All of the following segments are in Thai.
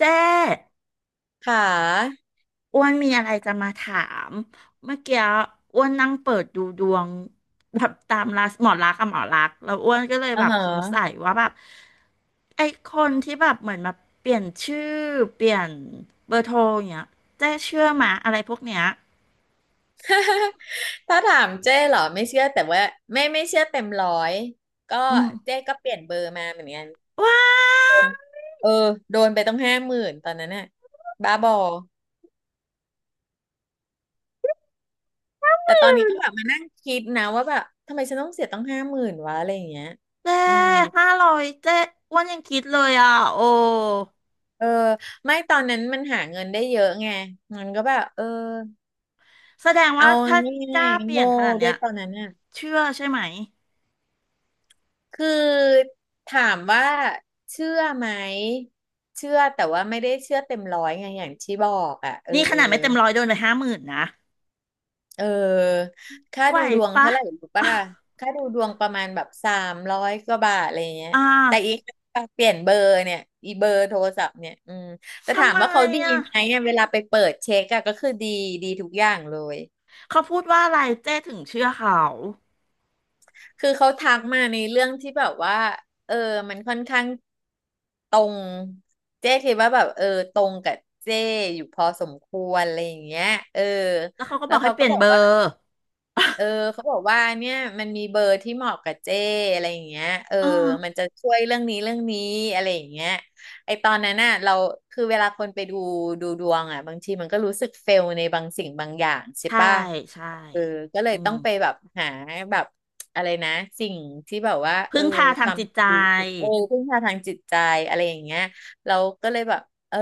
เจ๊ค่ะอ้วนมีอะไรจะมาถามเมื่อกี้อ้วนนั่งเปิดดูดวงแบบตามราหมอลักษณ์กับหมอลักษณ์แล้วอ้วนก็เลยอ่าแบบฮะ สงสัยว่าแบบไอ้คนที่แบบเหมือนมาเปลี่ยนชื่อเปลี่ยนเบอร์โทรอย่างเงี้ยเจ๊เชื่อมาอะไรพวกเนี้ย ถ้าถามเจ้เหรอไม่เชื่อแต่ว่าไม่เชื่อเต็มร้อยก็อืมเจ้ก็เปลี่ยนเบอร์มาเหมือนกันว้าวเออโดนไปต้องห้าหมื่นตอนนั้นน่ะบ้าบอแต่ตอนนี้ก็แบบมานั่งคิดนะว่าแบบทำไมฉันต้องเสียต้องห้าหมื่นวะอะไรอย่างเงี้ยเจ๊อืมห้าร้อยเจ๊อ้วนยังคิดเลยอ่ะโอ้เออไม่ตอนนั้นมันหาเงินได้เยอะไงมันก็แบบเออแสดงเอาว่าถ้างก่าล้ายเปๆลี่ยโง่นขนาดด้เนี้วยยตอนนั้นน่ะ เชื่อใช่ไหมคือถามว่าเชื่อไหมเชื่อแต่ว่าไม่ได้เชื่อเต็มร้อยไงอย่างที่บอกอ่ะเออนี่ขนาดไม่เต็มร้อยโดนไปห้าหมื่นนะ เออค่าไหวดูดวงปะ เท่าไหร่รู้ป่ะ ค่าดูดวงประมาณแบบ300กว่าบาทอะไรเงี้ยอ่าแต่อีกเปลี่ยนเบอร์เนี่ยอีเบอร์โทรศัพท์เนี่ยอืมแต่ถาทำมไมว่าเขาดีอ่ะไหมเนี่ยเวลาไปเปิดเช็คอะก็คือดีดีทุกอย่างเลย เขาพูดว่าอะไรเจ้ถึงเชื่อเขา คือเขาทักมาในเรื่องที่แบบว่า เออ มันค่อนข้างตรง เจ๊คิดว่าแบบเออตรงกับเจ๊อยู่พอสมควรอะไรอย่างเงี้ย เออ แล้วเขาก็แล้บวอกให้เขาเปก็ลี่ยนบอเบกอว่า ร์ เออ เขาบอกว่าเนี่ยมันมีเบอร์ที่เหมาะกับเจ้อะไรอย่างเงี้ยเอออ๋อมันจะช่วยเรื่องนี้เรื่องนี้อะไรอย่างเงี้ยไอตอนนั้นน่ะเราคือเวลาคนไปดูดูดวงอ่ะบางทีมันก็รู้สึกเฟลในบางสิ่งบางอย่างใช่ใช่ ป่ะใช่ เออก็เลยอืมต้องไปแบบหาแบบอะไรนะสิ่งที่แบบว่าเอพึ่องพาทางทำจิตให้ใจ รู้สึกเออพึ่งพาทางจิตใจอะไรอย่างเงี้ยเราก็เลยแบบเออ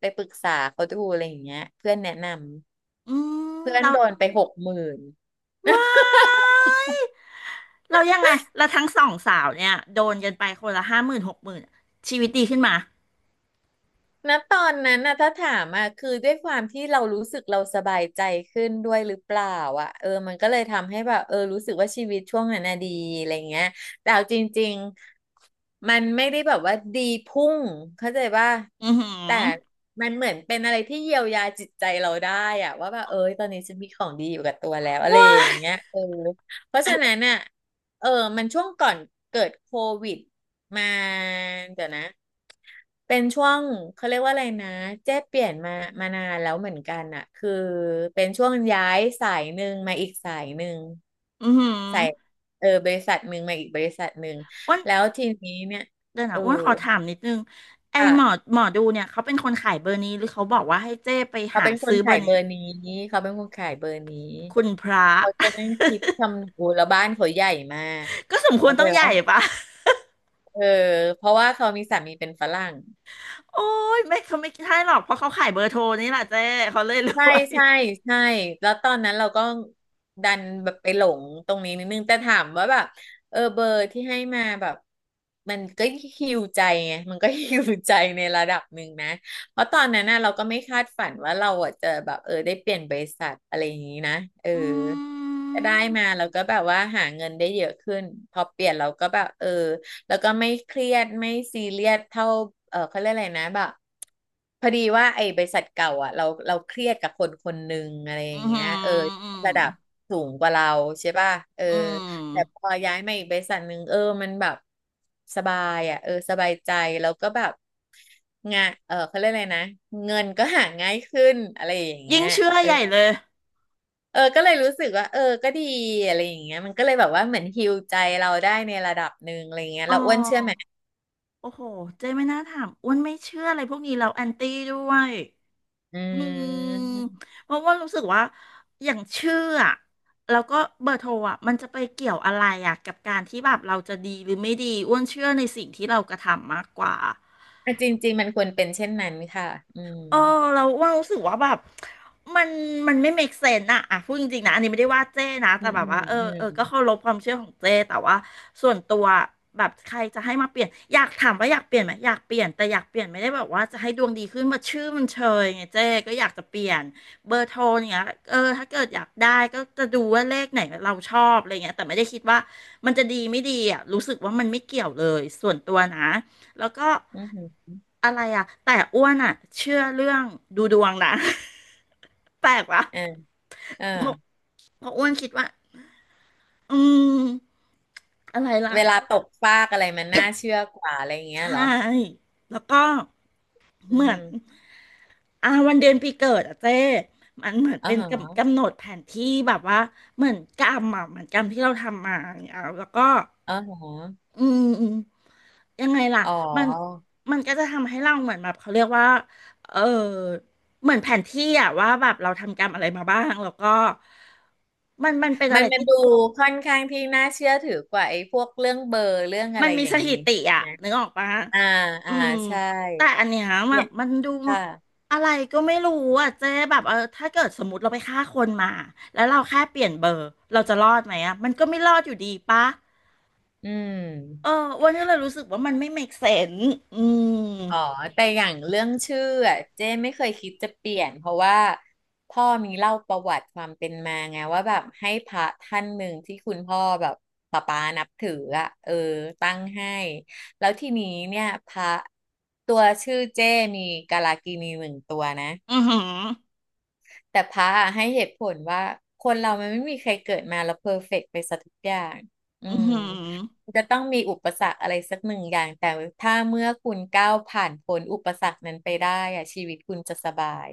ไปปรึกษาเขาดูอะไรอย่างเงี้ยเพื่อนแนะนำอืมเพื่อนเราโดนไป60,000 ว้ายเรายังไงเราทั้งสองสาวเนี่ยโดนกันไปคนละห้าหมื่นหกหมื่นชีวิตดีขึ้นมา ณตอนนั้นนะถ้าถามอ่ะคือด้วยความที่เรารู้สึกเราสบายใจขึ้นด้วยหรือเปล่าอ่ะเออมันก็เลยทำให้แบบเออรู้สึกว่าชีวิตช่วงนั้นน่ะดีอะไรเงี้ยแต่เอาจริงๆมันไม่ได้แบบว่าดีพุ่งเข้าใจว่าอือหืแต่อมันเหมือนเป็นอะไรที่เยียวยาจิตใจเราได้อ่ะว่าแบบเออตอนนี้ฉันมีของดีอยู่กับตัวแล้วอะไรว้าอย่ายงเงี้ยเออเพราะฉะนั้นน่ะเออมันช่วงก่อนเกิดโควิดมาเดี๋ยวนะ เป็นช่วงเขาเรียกว่าอะไรนะเจ๊เปลี่ยนมานานแล้วเหมือนกันอะคือเป็นช่วงย้ายสายหนึ่งมาอีกสายหนึ่งอือหือสายเออบริษัทหนึ่งมาอีกบริษัทหนึ่งอ้วน แล้วทีนี้เนี่ยเดี๋ยวเอนะออ้วนขอถามนิดนึงไอหมอค่ะหมอดูเนี่ยเขาเป็นคนขายเบอร์นี้หรือเขาบอกว่าให้เจ้ไปเขาหาเป็นคซื้นอเบอขายร์เบนี้อร์นี้เขาเป็นคนขายเบอร์นี้คุณพระ เขาจะนั่ง คิดคำนูแล้วบ้านเขาใหญ่มากก็สมควรเข้าใจต้องใหญ่ปะปะเออเพราะว่าเขามีสามีเป็นฝรั่ง โอ้ยไม่เขาไม่ใช่หรอกเพราะเขาขายเบอร์โทรนี่แหละเจ้เขาเลยรใช่วยใช่ใช่แล้วตอนนั้นเราก็ดันแบบไปหลงตรงนี้นิดนึงแต่ถามว่าแบบเออเบอร์ที่ให้มาแบบมันก็ฮิวใจไงมันก็ฮิวใจในระดับหนึ่งนะเพราะตอนนั้นน่ะเราก็ไม่คาดฝันว่าเราอ่ะจะแบบเออได้เปลี่ยนบริษัทอะไรอย่างนี้นะเอออืก็ได้มมาเราก็แบบว่าหาเงินได้เยอะขึ้นพอเปลี่ยนเราก็แบบเออ แล้วก็ไม่เครียดไม่ซีเรียสเท่าเออเขาเรียกอะไรนะแบบพอดีว่าไอ้บริษัทเก่าอ่ะเราเครียดกับคนคนหนึ่งอะไรออืย่ามงเงี้ยเอออืมระดับสูงกว่าเราใช่ป่ะเอออืแต่พมอย้ายมาอีกบริษัทหนึ่งเออมันแบบสบายอ่ะเออสบายใจแล้วก็แบบงานเออเขาเรียกอะไรนะเงินก็หาง่ายขึ้นอะไรอย่างยิ่เงี้งยเชื่อเออใหญ่เลยเออก็เลยรู้สึกว่าเออก็ดีอะไรอย่างเงี้ยมันก็เลยแบบว่าเหมือนฮีลใจเราได้ในระดับหนึ่งอะไรเงี้ยอ๋อเราอ้วนเชื่อไหม โอ้โหเจ้ไม่น่าถามอ้วนไม่เชื่ออะไรพวกนี้แล้วแอนตี้ด้วย อือืมมเพราะว่ารู้สึกว่าอย่างชื่ออะแล้วก็เบอร์โทรอะมันจะไปเกี่ยวอะไรอะกับการที่แบบเราจะดีหรือไม่ดีอ้วนเชื่อในสิ่งที่เรากระทำมากกว่า อ่ะจริงๆมันควรเป็นเช่นนั้นค่ะอืมเออเราว่ารู้สึกว่าแบบมันมันไม่ make sense อะอ่ะพูดจริงๆนะอันนี้ไม่ได้ว่าเจ้นะอืแต่มแบอืบว่าเออก็มเคารพความเชื่อของเจ้แต่ว่าส่วนตัวแบบใครจะให้มาเปลี่ยนอยากถามว่าอยากเปลี่ยนไหมอยากเปลี่ยนแต่อยากเปลี่ยนไม่ได้แบบว่าจะให้ดวงดีขึ้นมาชื่อมันเชยไงเจ้ก็อยากจะเปลี่ยนเบอร์โทรเนี้ยเออถ้าเกิดอยากได้ก็จะดูว่าเลขไหนเราชอบอะไรเงี้ยแต่ไม่ได้คิดว่ามันจะดีไม่ดีอ่ะรู้สึกว่ามันไม่เกี่ยวเลยส่วนตัวนะ แล้วก็อืมอืมอะไรอ่ะ แต่อ้วนอ่ะเชื่อเรื่องดูดวงนะ แปลกปะอ่าอ่าเพราะเพราะอ้วนคิดว่าอืมอะไรล่ะ เวลาตกฟากอะไรมันน่าเชื่อกว่าอะไรอย่างเงี้ยเหรใช่อแล้วก็อืเหมือนมอ่าวันเดือนปีเกิดอะเจ้มันเหมือนอ๋อเป็นฮะกำหนดแผนที่แบบว่าเหมือนกรรมอะเหมือนกรรมที่เราทำมาเนี่ยเอาแล้วก็อ๋อฮะอืมอืมยังไงล่ะอ๋อมันมันก็จะทำให้เราเหมือนแบบเขาเรียกว่าเออเหมือนแผนที่อะว่าแบบเราทำกรรมอะไรมาบ้างแล้วก็มันเป็นมัอะนไรมาที่ ดูค่อนข้างที่น่าเชื่อถือกว่าไอ้พวกเรื่องเบอร์เรื่องอะมัไรนมีอย่าสงงี้ถิติใช่อะไหมนึกออกปะอ่าอือ่ามใช่แต่อันเนี้ยแบเนี่บยมันดูค่ะอะไรก็ไม่รู้อะเจ๊แบบเออถ้าเกิดสมมติเราไปฆ่าคนมาแล้วเราแค่เปลี่ยนเบอร์เราจะรอดไหมอะมันก็ไม่รอดอยู่ดีปะอืเออม อ้วันนี้เลยรู้สึกว่ามันไม่ make sense อืมอ๋อแต่อย่างเรื่องชื่ออะเจ้ไม่เคยคิดจะเปลี่ยนเพราะว่าพ่อมีเล่าประวัติความเป็นมาไงว่าแบบให้พระท่านหนึ่งที่คุณพ่อแบบป๊าป๊านับถืออะเออตั้งให้แล้วทีนี้เนี่ยพระตัวชื่อเจ้มีกาลากินีหนึ่งตัวนะ อือหือแต่พระอะให้เหตุผลว่าคนเรามันไม่มีใครเกิดมาแล้วเพอร์เฟกต์ไปซะทุกอย่างอือือมหือ มันจะต้องมีอุปสรรคอะไรสักหนึ่งอย่างแต่ถ้าเมื่อคุณก้าวผ่านพ้นอุปสรรคนั้นไปได้อะชีวิตคุณจะสบาย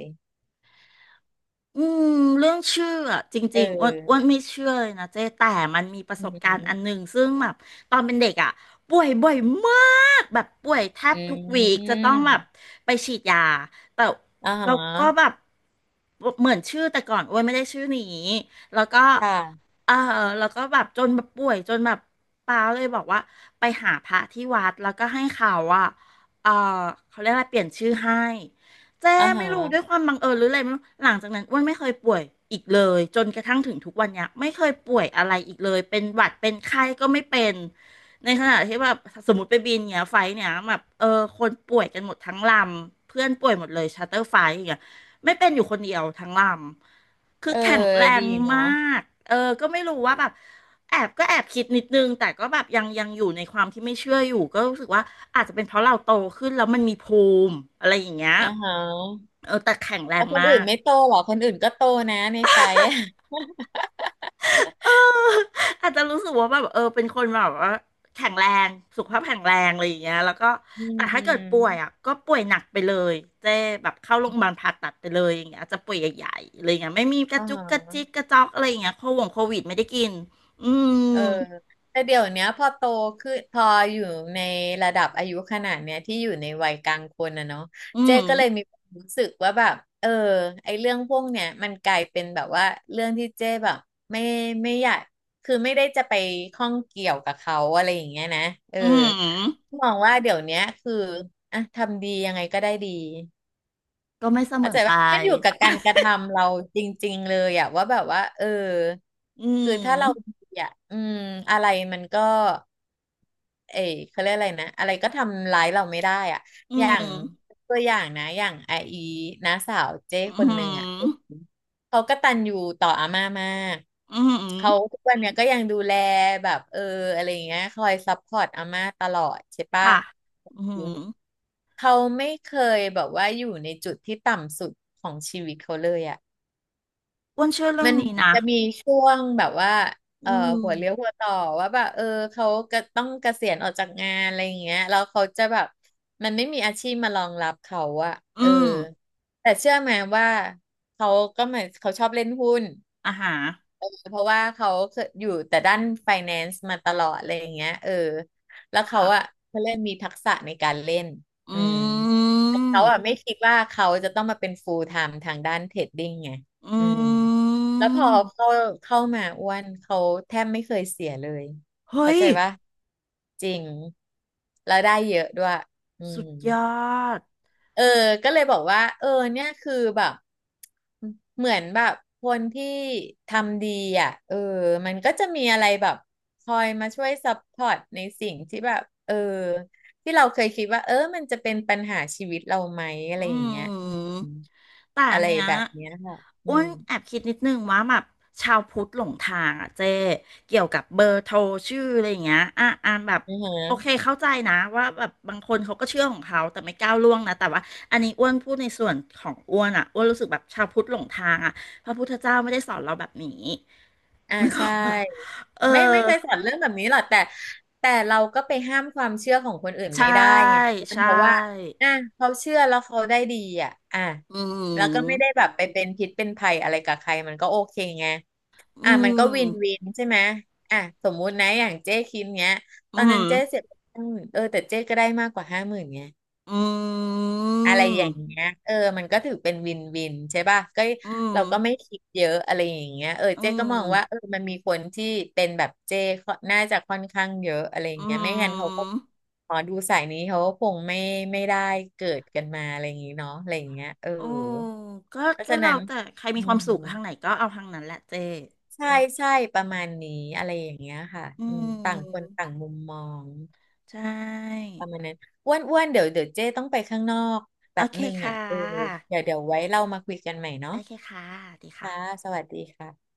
อืมเรื่องชื่ออะจเริงๆอ้วนออไม่เชื่อเลยนะเจ๊แต่มันมีประอืสบการณ์อันหมนึ่งซึ่งแบบตอนเป็นเด็กอ่ะป่วยบ่อยมากแบบป่วยแทบอืทุกวีคจะต้องแบบมไปฉีดยาแต่อ่าฮเราก็แบะบเหมือนชื่อแต่ก่อนอ้วนไม่ได้ชื่อนี้แล้วก็ ค่ะเออแล้วก็แบบจนแบบป่วยจนแบบป้าเลยบอกว่าไปหาพระที่วัดแล้วก็ให้เขาอ่ะเออเขาเรียกอะไรเปลี่ยนชื่อให้เจ๊อ่าไม่ฮะรู้ด้วยความบังเอิญหรืออะไรไม่รู้หลังจากนั้นอ้วนไม่เคยป่วยอีกเลยจนกระทั่งถึงทุกวันเนี้ยไม่เคยป่วยอะไรอีกเลยเป็นหวัดเป็นไข้ก็ไม่เป็นในขณะที่แบบสมมติไปบินเนี้ยไฟล์เนี้ยแบบเออคนป่วยกันหมดทั้งลำเพื่อนป่วยหมดเลยชาร์เตอร์ไฟล์อย่างเงี้ย ไม่เป็นอยู่คนเดียวทั้งลำ คือเออแข็งแรดีงเนาะมาก เออ ก็ไม่รู้ว่าแบบแอบคิดนิดนึงแต่ก็แบบยังอยู่ในความที่ไม่เชื่ออยู่ก็รู้สึกว่าอาจจะเป็นเพราะเราโตขึ้นแล้วมันมีภูมิอะไรอย่างเงี้ยอ่าฮะเออแต่แข็งแรแล้งวคนมาอื่นก ไม่โตเหรอคนอื่นก็โตนะในไฟอะ เอออาจจะรู้สึกว่าแบบเออเป็นคนแบบว่าแข็งแรงสุขภาพแข็งแรงอะไรอย่างเงี้ยแล้วก็อืแต่ถ้าเกิดป่มวยอ่ะก็ป่วยหนักไปเลยเจ๊แบบเข้าโรงพยาบาลผ่าตัดไปเลยอย่างเงี้ยอาจจะป่วยใหญ่ๆอะไรอย่างเงี้ยไม่มีกระอ่จุกกระจิกา กระจอกอะไรอย่างเงี้ยโควิดไม่ได้กินอืมเออแต่เดี๋ยวเนี้ยพอโตขึ้นพออยู่ในระดับอายุขนาดเนี้ยที่อยู่ในวัยกลางคนนะเนาะอืเจ๊มก็เลยมีความรู้สึกว่าแบบเออไอเรื่องพวกเนี้ยมันกลายเป็นแบบว่าเรื่องที่เจ๊แบบไม่ไม่อยากคือไม่ได้จะไปข้องเกี่ยวกับเขาอะไรอย่างเงี้ยนะเอออืมมองว่าเดี๋ยวเนี้ยคืออ่ะทำดียังไงก็ได้ดี ก็ไม่เสมเข้าอใจไปว่าขึ้นอยู่กับการกระทำเราจริงๆเลยอะว่าแบบว่าเอออืคือถ้าเรามดีอะอืมอะไรมันก็เอยเขาเรียกอะไรนะอะไรก็ทำร้ายเราไม่ได้อ่ะอือย่างมตัวอย่างนะอย่างไออีน้าสาวเจ้คอืนหนึ่งอ่ะมเขากตัญญูต่ออาม่ามากอืมเขาทุกวันเนี้ยก็ยังดูแลแบบเอออะไรอย่างเงี้ยคอยซัพพอร์ตอาม่าตลอดใช่ปะ ค่ะอืมเขาไม่เคยแบบว่าอยู่ในจุดที่ต่ำสุดของชีวิตเขาเลยอ่ะอ้วนเชื่อเรื่อมังนนี้เหมือนนะจะมีช่วงแบบว่าอืเอ่อหัวเลี้ยวมหัวต่อว่าแบบเออเขาก็ต้องเกษียณออกจากงานอะไรอย่างเงี้ยแล้วเขาจะแบบมันไม่มีอาชีพมารองรับเขาอะอืเออมแต่เชื่อไหมว่าเขาก็เหมือนเขาชอบเล่นหุ้น อาหาร เพราะว่าเขาเคยอยู่แต่ด้านไฟแนนซ์มาตลอดอะไรอย่างเงี้ยเออแล้วเขาค่ะอะเขาเล่นมีทักษะในการเล่นออืมืแต่เขามอะไม่คิดว่าเขาจะต้องมาเป็นฟูลไทม์ทางด้านเทรดดิ้งไงอือืมแล้วพอมเข้ามาอ้วนเขาแทบไม่เคยเสียเลยเฮ้เข้ายใจปะจริงแล้วได้เยอะด้วยอืสุดม ยอดเออ ก็เลยบอกว่า เออเนี่ยคือแบบ เหมือนแบบคนที่ทำดีอ่ะ เออ มันก็จะมีอะไรแบบคอยมาช่วยซัพพอร์ตในสิ่งที่แบบ เออ ที่เราเคยคิดว่า เออ มันจะเป็นปัญหาชีวิตเราไหม อะไรอือย่างเงี้ยอืมมแต่อะอันไรเนี้ยแบบเนี้ยค่ะอือ้วมนแอบคิดนิดนึงว่าแบบชาวพุทธหลงทางอ่ะเจ๊เกี่ยวกับเบอร์โทรชื่ออะไรอย่างเงี้ยอ่ะอ่ะแบบอือโอเคฮะ เข้าใจนะว่าแบบบางคนเขาก็เชื่อของเขาแต่ไม่ก้าวล่วงนะแต่ว่าอันนี้อ้วนพูดในส่วนของอ้วนอ่ะอ้วนรู้สึกแบบชาวพุทธหลงทางอ่ะพระพุทธเจ้าไม่ได้สอนเราแบบนี้ อ่า นึกอใช่อกปะเออ ไม่เคยสอนเรื่องแบบนี้หรอกแต่แต่เราก็ไปห้ามความเชื่อของคนอื่นใช่ไม่ได้ไงใชเพราะว่า่อ่ะเขาเชื่อแล้วเขาได้ดีอ่ะอ่ะอืแล้วก็ไม่ได้มแบบไปเป็นพิษเป็นภัยอะไรกับใครมันก็โอเคไงอือ่ะมันก็วินวิมนใช่ไหมอ่ะสมมุตินะอย่างเจ๊คิมเนี้ยอืตอนนั้นมเจ๊เสียไปห้าหมื่นเออแต่เจ๊ก็ได้มากกว่าห้าหมื่นไง อืมอะไรอย่างเงี้ยเออมันก็ถือเป็นวินวินใช่ป่ะก็อืมเราก็ไม่คิดเยอะอะไรอย่างเงี้ยเอออืเจ๊มก็มองว่าเออมันมีคนที่เป็นแบบเจ๊ค่อนน่าจะค่อนข้างเยอะอะไรอย่าอืงเงี้ยไม่งั้นเขาก็มหมอดูสายนี้เขาก็คงไม่ได้เกิดกันมาอะไรอย่างงี้เนาะอะไรอย่างเงี้ยเออโอ้ก็เพราะก็ฉะเรานั้นแต่ใครอืมีความสุขทางไหนมก็เอาทางนั้นแหละเจใช่อืมใช่ประมาณนี้อะไรอย่างเงี้ยค่ะอือืมต่างคนมต่างมุมมอง ใช่ประมาณนั้นอ้วนเดี๋ยวเจ้ต้องไปข้างนอกแบโอบเคนึงค่อ่ะเออะเดี๋ยวไว้นะเรามาคุยกันใหม่เนาะโอเคค่ะดีค่ะค่ะสวัสดีค่ะ